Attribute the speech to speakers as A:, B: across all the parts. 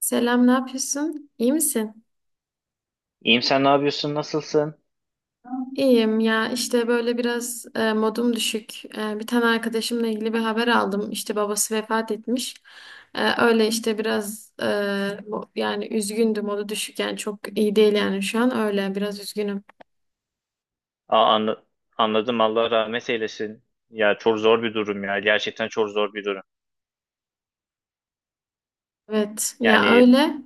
A: Selam, ne yapıyorsun? İyi misin?
B: İyiyim sen ne yapıyorsun? Nasılsın?
A: İyiyim ya işte böyle biraz modum düşük. Bir tane arkadaşımla ilgili bir haber aldım. İşte babası vefat etmiş. Öyle işte biraz yani üzgündüm, modu düşük, yani çok iyi değil, yani şu an öyle biraz üzgünüm.
B: Aa, anla- anladım Allah rahmet eylesin. Ya çok zor bir durum ya. Gerçekten çok zor bir durum.
A: Evet ya
B: Yani
A: öyle.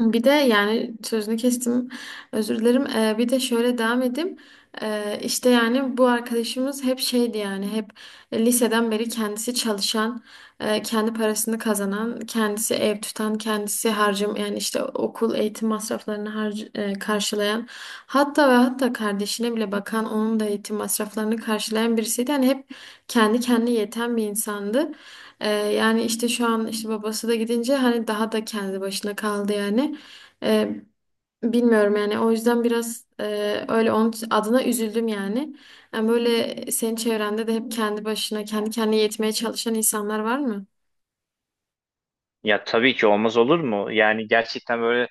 A: Bir de yani sözünü kestim, özür dilerim. Bir de şöyle devam edeyim. İşte yani bu arkadaşımız hep şeydi, yani hep liseden beri kendisi çalışan, kendi parasını kazanan, kendisi ev tutan, kendisi harcım, yani işte okul eğitim masraflarını karşılayan, hatta ve hatta kardeşine bile bakan, onun da eğitim masraflarını karşılayan birisiydi. Yani hep kendi kendine yeten bir insandı. Yani işte şu an işte babası da gidince hani daha da kendi başına kaldı yani. Ee, Bilmiyorum yani, o yüzden biraz öyle onun adına üzüldüm yani. Yani böyle senin çevrende de hep kendi başına, kendi kendine yetmeye çalışan insanlar var mı?
B: ya tabii ki olmaz olur mu? Yani gerçekten böyle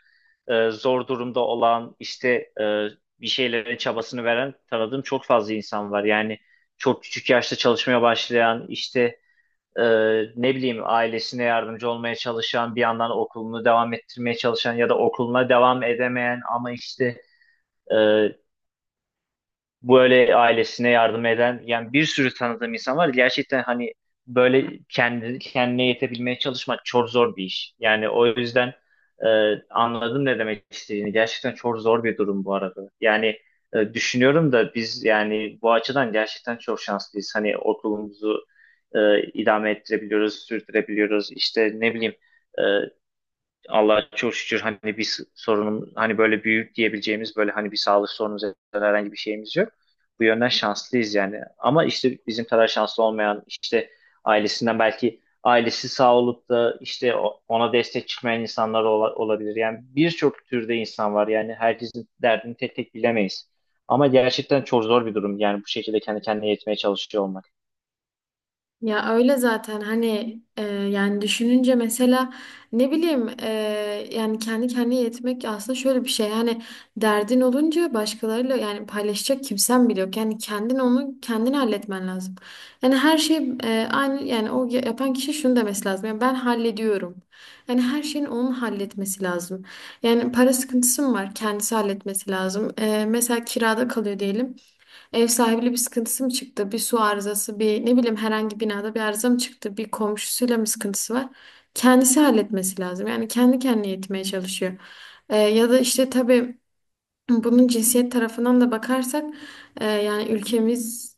B: zor durumda olan işte e, bir şeylerin çabasını veren tanıdığım çok fazla insan var. Yani çok küçük yaşta çalışmaya başlayan işte e, ne bileyim ailesine yardımcı olmaya çalışan bir yandan okulunu devam ettirmeye çalışan ya da okuluna devam edemeyen ama işte e, böyle ailesine yardım eden yani bir sürü tanıdığım insan var. Gerçekten hani böyle kendi kendine yetebilmeye çalışmak çok zor bir iş. Yani o yüzden e, anladım ne demek istediğini. Gerçekten çok zor bir durum bu arada. Yani düşünüyorum da biz yani bu açıdan gerçekten çok şanslıyız. Hani okulumuzu idame ettirebiliyoruz, sürdürebiliyoruz. İşte ne bileyim e, Allah'a çok şükür hani bir sorunum hani böyle büyük diyebileceğimiz böyle hani bir sağlık sorunumuz ya da herhangi bir şeyimiz yok. Bu yönden şanslıyız yani. Ama işte bizim kadar şanslı olmayan işte ailesinden belki ailesi sağ olup da işte ona destek çıkmayan insanlar olabilir. Yani birçok türde insan var. Yani herkesin derdini tek tek bilemeyiz. Ama gerçekten çok zor bir durum. Yani bu şekilde kendi kendine yetmeye çalışıyor olmak.
A: Ya öyle zaten, hani yani düşününce mesela, ne bileyim, yani kendi kendine yetmek aslında şöyle bir şey yani, derdin olunca başkalarıyla yani paylaşacak kimsen bile yok, yani kendin onu kendin halletmen lazım. Yani her şey aynı, yani yapan kişi şunu demesi lazım yani: ben hallediyorum. Yani her şeyin onun halletmesi lazım. Yani para sıkıntısı mı var, kendisi halletmesi lazım. E, mesela kirada kalıyor diyelim. Ev sahibiyle bir sıkıntısı mı çıktı? Bir su arızası, bir ne bileyim herhangi binada bir arıza mı çıktı? Bir komşusuyla mı sıkıntısı var? Kendisi halletmesi lazım. Yani kendi kendine yetmeye çalışıyor. Ya da işte tabii bunun cinsiyet tarafından da bakarsak, yani ülkemiz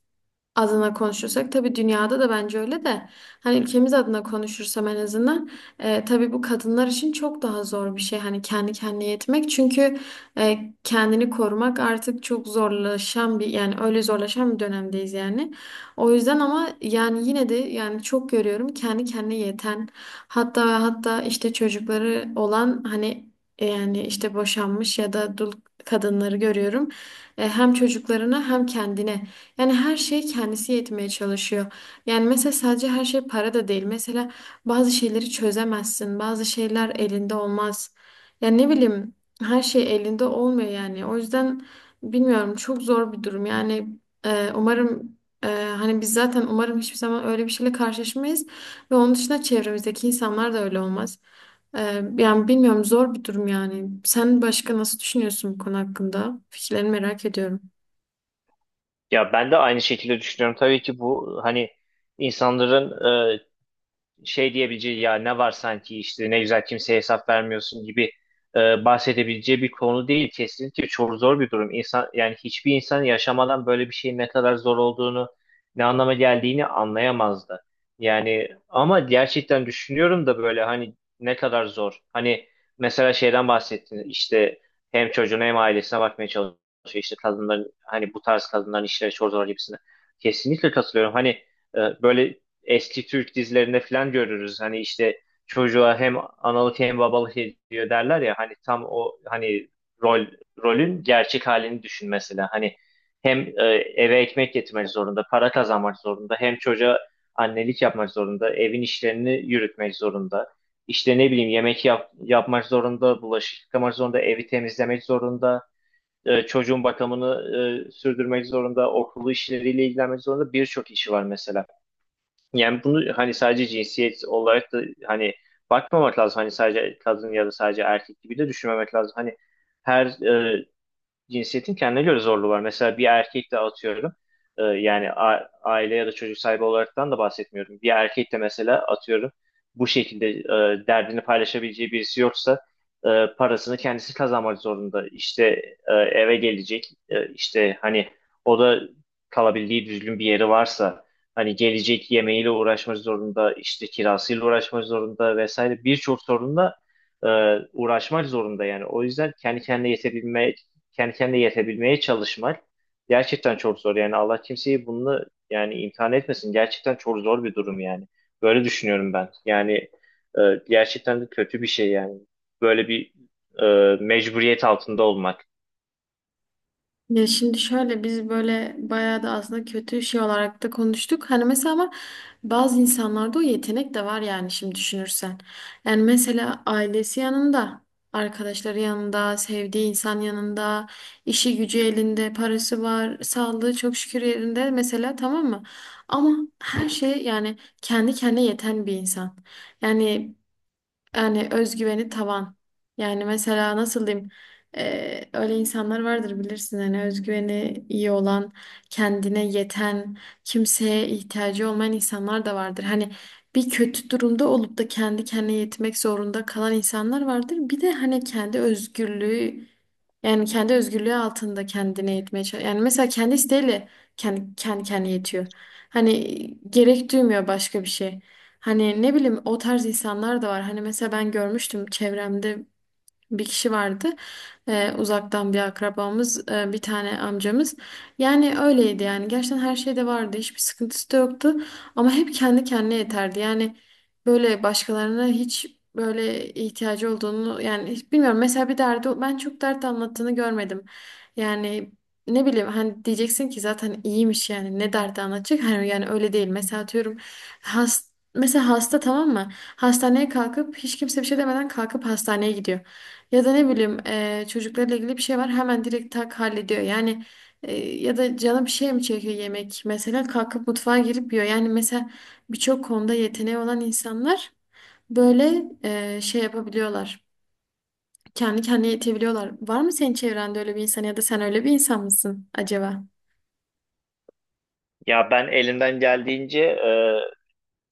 A: adına konuşursak, tabii dünyada da bence öyle de, hani ülkemiz adına konuşursam en azından, tabii bu kadınlar için çok daha zor bir şey, hani kendi kendine yetmek, çünkü kendini korumak artık çok zorlaşan bir, yani öyle zorlaşan bir dönemdeyiz yani, o yüzden. Ama yani yine de yani çok görüyorum kendi kendine yeten, hatta ve hatta işte çocukları olan, hani yani işte boşanmış ya da dul kadınları görüyorum. Hem çocuklarına hem kendine, yani her şey kendisi yetmeye çalışıyor. Yani mesela sadece her şey para da değil. Mesela bazı şeyleri çözemezsin. Bazı şeyler elinde olmaz. Yani ne bileyim, her şey elinde olmuyor yani. O yüzden bilmiyorum, çok zor bir durum. Yani umarım, e, hani biz zaten umarım hiçbir zaman öyle bir şeyle karşılaşmayız. Ve onun dışında çevremizdeki insanlar da öyle olmaz. E, Yani bilmiyorum, zor bir durum yani. Sen başka nasıl düşünüyorsun bu konu hakkında? Fikirlerini merak ediyorum.
B: Ya ben de aynı şekilde düşünüyorum. Tabii ki bu hani insanların şey diyebileceği ya ne var sanki işte ne güzel kimseye hesap vermiyorsun gibi bahsedebileceği bir konu değil. Kesinlikle çok zor bir durum. İnsan yani hiçbir insan yaşamadan böyle bir şeyin ne kadar zor olduğunu, ne anlama geldiğini anlayamazdı. Yani ama gerçekten düşünüyorum da böyle hani ne kadar zor. Hani mesela şeyden bahsettin işte hem çocuğuna hem ailesine bakmaya çalışıyor. İşte kadınların hani bu tarz kadınların işleri çok zor gibisine. Kesinlikle katılıyorum. Hani böyle eski Türk dizilerinde falan görürüz. Hani işte çocuğa hem analık hem babalık ediyor derler ya hani tam o hani rol rolün gerçek halini düşün mesela. Hani hem eve ekmek getirmek zorunda, para kazanmak zorunda, hem çocuğa annelik yapmak zorunda, evin işlerini yürütmek zorunda. İşte ne bileyim yapmak zorunda, bulaşık yıkamak zorunda, evi temizlemek zorunda, çocuğun bakımını sürdürmek zorunda, okulu işleriyle ilgilenmek zorunda birçok işi var mesela. Yani bunu hani sadece cinsiyet olarak da hani bakmamak lazım. Hani sadece kadın ya da sadece erkek gibi de düşünmemek lazım. Hani her cinsiyetin kendine göre zorluğu var. Mesela bir erkek de atıyorum yani aile ya da çocuk sahibi olaraktan da bahsetmiyorum. Bir erkek de mesela atıyorum bu şekilde derdini paylaşabileceği birisi yoksa parasını kendisi kazanmak zorunda. İşte eve gelecek işte hani o da kalabildiği düzgün bir yeri varsa hani gelecek yemeğiyle uğraşmak zorunda işte kirasıyla uğraşmak zorunda vesaire birçok sorunla e, uğraşmak zorunda yani. O yüzden kendi kendine yetebilmeye çalışmak gerçekten çok zor. Yani Allah kimseyi bununla yani imtihan etmesin. Gerçekten çok zor bir durum yani. Böyle düşünüyorum ben. Yani e, gerçekten de kötü bir şey yani. Böyle bir mecburiyet altında olmak.
A: Ya şimdi şöyle, biz böyle bayağı da aslında kötü şey olarak da konuştuk. Hani mesela ama bazı insanlarda o yetenek de var yani, şimdi düşünürsen. Yani mesela ailesi yanında, arkadaşları yanında, sevdiği insan yanında, işi gücü elinde, parası var, sağlığı çok şükür yerinde mesela, tamam mı? Ama her şey yani kendi kendine yeten bir insan. Yani yani özgüveni tavan. Yani mesela nasıl diyeyim? Öyle insanlar vardır bilirsin, hani özgüveni iyi olan, kendine yeten, kimseye ihtiyacı olmayan insanlar da vardır. Hani bir kötü durumda olup da kendi kendine yetmek zorunda kalan insanlar vardır. Bir de hani kendi özgürlüğü, yani kendi özgürlüğü altında kendine yetmeye çalışan. Yani mesela kendi isteğiyle kendi kendine yetiyor. Hani gerek duymuyor başka bir şey. Hani ne bileyim, o tarz insanlar da var. Hani mesela ben görmüştüm çevremde, bir kişi vardı. Uzaktan bir akrabamız, bir tane amcamız. Yani öyleydi yani. Gerçekten her şeyde vardı. Hiçbir sıkıntısı da yoktu. Ama hep kendi kendine yeterdi. Yani böyle başkalarına hiç böyle ihtiyacı olduğunu yani hiç bilmiyorum. Mesela bir derdi, ben çok dert anlattığını görmedim. Yani ne bileyim, hani diyeceksin ki zaten iyiymiş yani, ne derdi anlatacak hani, yani öyle değil. Mesela atıyorum, has, mesela hasta, tamam mı, hastaneye kalkıp hiç kimse bir şey demeden kalkıp hastaneye gidiyor. Ya da ne bileyim, çocuklarla ilgili bir şey var, hemen direkt tak hallediyor. Yani ya da canı bir şey mi çekiyor, yemek mesela, kalkıp mutfağa girip yiyor. Yani mesela birçok konuda yeteneği olan insanlar böyle şey yapabiliyorlar. Kendi kendine yetebiliyorlar. Var mı senin çevrende öyle bir insan, ya da sen öyle bir insan mısın acaba?
B: Ya ben elimden geldiğince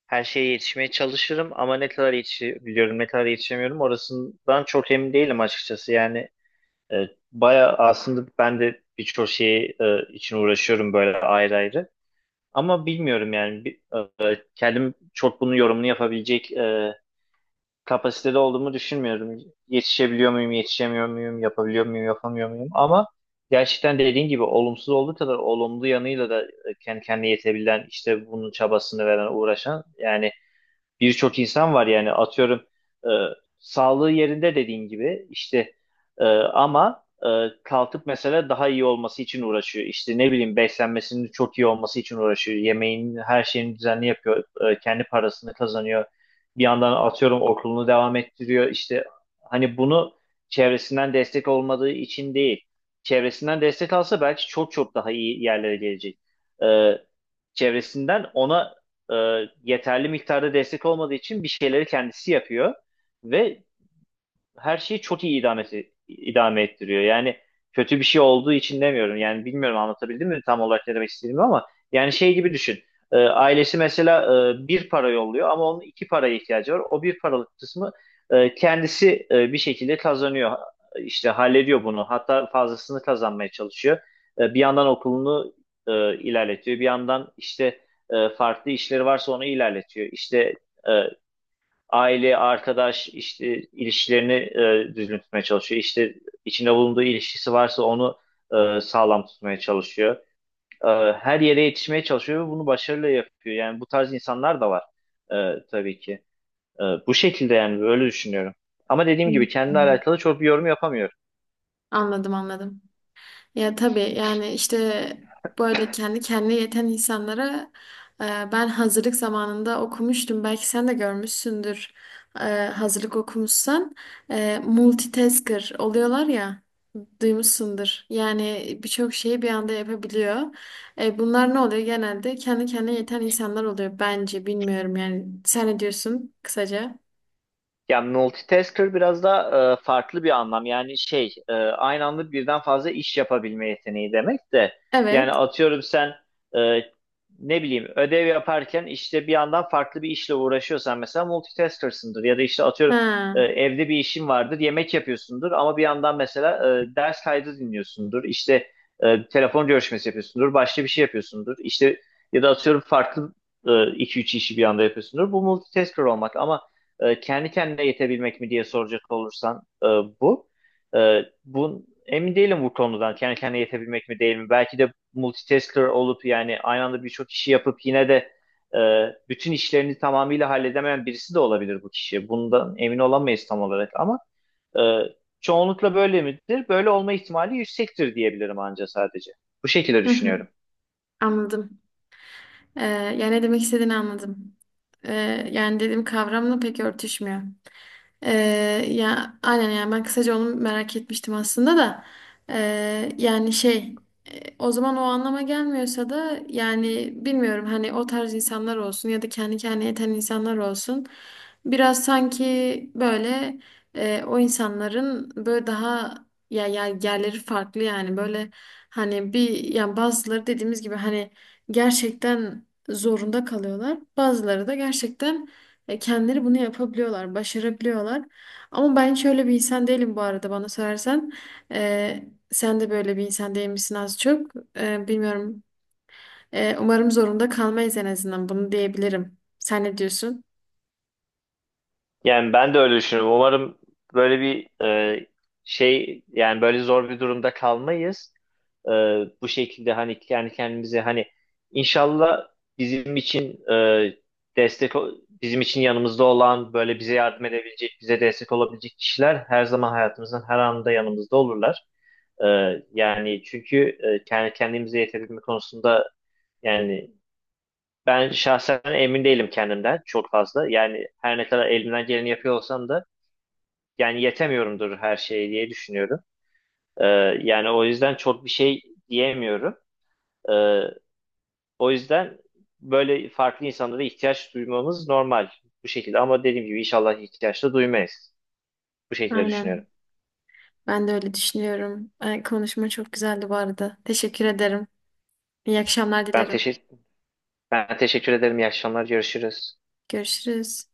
B: her şeye yetişmeye çalışırım ama ne kadar yetişebiliyorum, ne kadar yetişemiyorum orasından çok emin değilim açıkçası. Yani e, baya aslında ben de birçok şeyi için uğraşıyorum böyle ayrı ayrı. Ama bilmiyorum yani kendim çok bunun yorumunu yapabilecek kapasitede olduğumu düşünmüyorum. Yetişebiliyor muyum, yetişemiyor muyum, yapabiliyor muyum, yapamıyor muyum? Ama gerçekten dediğin gibi olumsuz olduğu kadar olumlu yanıyla da kendi kendine yetebilen, işte bunun çabasını veren, uğraşan yani birçok insan var yani atıyorum e, sağlığı yerinde dediğin gibi işte ama kalkıp mesela daha iyi olması için uğraşıyor. İşte ne bileyim beslenmesinin çok iyi olması için uğraşıyor. Yemeğin her şeyini düzenli yapıyor. E, kendi parasını kazanıyor. Bir yandan atıyorum okulunu devam ettiriyor. İşte hani bunu çevresinden destek olmadığı için değil. Çevresinden destek alsa belki çok çok daha iyi yerlere gelecek. E, Çevresinden ona e, yeterli miktarda destek olmadığı için bir şeyleri kendisi yapıyor ve her şeyi çok iyi idame ettiriyor. Yani kötü bir şey olduğu için demiyorum. Yani bilmiyorum anlatabildim mi tam olarak ne demek istediğimi ama yani şey gibi düşün. Ailesi mesela bir para yolluyor ama onun iki paraya ihtiyacı var. O bir paralık kısmı kendisi bir şekilde kazanıyor. İşte hallediyor bunu. Hatta fazlasını kazanmaya çalışıyor. Bir yandan okulunu ilerletiyor. Bir yandan işte farklı işleri varsa onu ilerletiyor. İşte e, aile, arkadaş işte ilişkilerini düzgün tutmaya çalışıyor. İşte içinde bulunduğu ilişkisi varsa onu sağlam tutmaya çalışıyor. E, Her yere yetişmeye çalışıyor ve bunu başarıyla yapıyor. Yani bu tarz insanlar da var tabii ki. Bu şekilde yani böyle düşünüyorum. Ama dediğim
A: Hmm.
B: gibi kendimle alakalı çok bir yorum yapamıyorum.
A: Anladım, anladım. Ya tabii yani işte böyle kendi kendine yeten insanlara, e, ben hazırlık zamanında okumuştum. Belki sen de görmüşsündür, hazırlık okumuşsan. E, multitasker oluyorlar ya, duymuşsundur. Yani birçok şeyi bir anda yapabiliyor. E, bunlar ne oluyor genelde? Kendi kendine yeten insanlar oluyor bence, bilmiyorum yani. Sen ne diyorsun kısaca?
B: Ya multitasker biraz da farklı bir anlam. Yani aynı anda birden fazla iş yapabilme yeteneği demek de. Yani
A: Evet.
B: atıyorum sen e, ne bileyim ödev yaparken işte bir yandan farklı bir işle uğraşıyorsan mesela multitasker'sındır. Ya da işte atıyorum
A: Ha.
B: evde bir işin vardır yemek yapıyorsundur ama bir yandan mesela ders kaydı dinliyorsundur. İşte telefon görüşmesi yapıyorsundur. Başka bir şey yapıyorsundur. İşte ya da atıyorum farklı iki üç işi bir anda yapıyorsundur. Bu multitasker olmak ama kendi kendine yetebilmek mi diye soracak olursan bu. Bu emin değilim bu konudan kendi kendine yetebilmek mi değil mi? Belki de multitasker olup yani aynı anda birçok işi yapıp yine de e, bütün işlerini tamamıyla halledemeyen birisi de olabilir bu kişi. Bundan emin olamayız tam olarak ama e, çoğunlukla böyle midir? Böyle olma ihtimali yüksektir diyebilirim anca sadece. Bu şekilde
A: Hı hı.
B: düşünüyorum.
A: Anladım. Ee, Yani ne demek istediğini anladım. Yani dediğim kavramla pek örtüşmüyor. Ee, Ya aynen, yani ben kısaca onu merak etmiştim aslında da. Yani şey, o zaman o anlama gelmiyorsa da yani, bilmiyorum, hani o tarz insanlar olsun ya da kendi kendine yeten insanlar olsun, biraz sanki böyle, o insanların böyle daha ya yerleri farklı, yani böyle hani bir, yani bazıları dediğimiz gibi hani gerçekten zorunda kalıyorlar, bazıları da gerçekten kendileri bunu yapabiliyorlar, başarabiliyorlar. Ama ben şöyle bir insan değilim bu arada, bana sorarsan. E, sen de böyle bir insan değil misin az çok? E, bilmiyorum. E, umarım zorunda kalmayız, en azından bunu diyebilirim. Sen ne diyorsun?
B: Yani ben de öyle düşünüyorum. Umarım böyle bir şey yani böyle zor bir durumda kalmayız. E, Bu şekilde hani kendi kendimize hani inşallah bizim için destek o- bizim için yanımızda olan böyle bize yardım edebilecek bize destek olabilecek kişiler her zaman hayatımızın her anında yanımızda olurlar. E, Yani çünkü kendi kendimize yetebilme konusunda yani ben şahsen emin değilim kendimden çok fazla. Yani her ne kadar elimden geleni yapıyor olsam da yani yetemiyorumdur her şeye diye düşünüyorum. Ee, Yani o yüzden çok bir şey diyemiyorum. Ee, O yüzden böyle farklı insanlara ihtiyaç duymamız normal bu şekilde ama dediğim gibi inşallah ihtiyaç da duymayız. Bu şekilde düşünüyorum.
A: Aynen. Ben de öyle düşünüyorum. E, konuşma çok güzeldi bu arada. Teşekkür ederim. İyi akşamlar
B: Ben
A: dilerim.
B: teşekkür ben teşekkür ederim. İyi akşamlar. Görüşürüz.
A: Görüşürüz.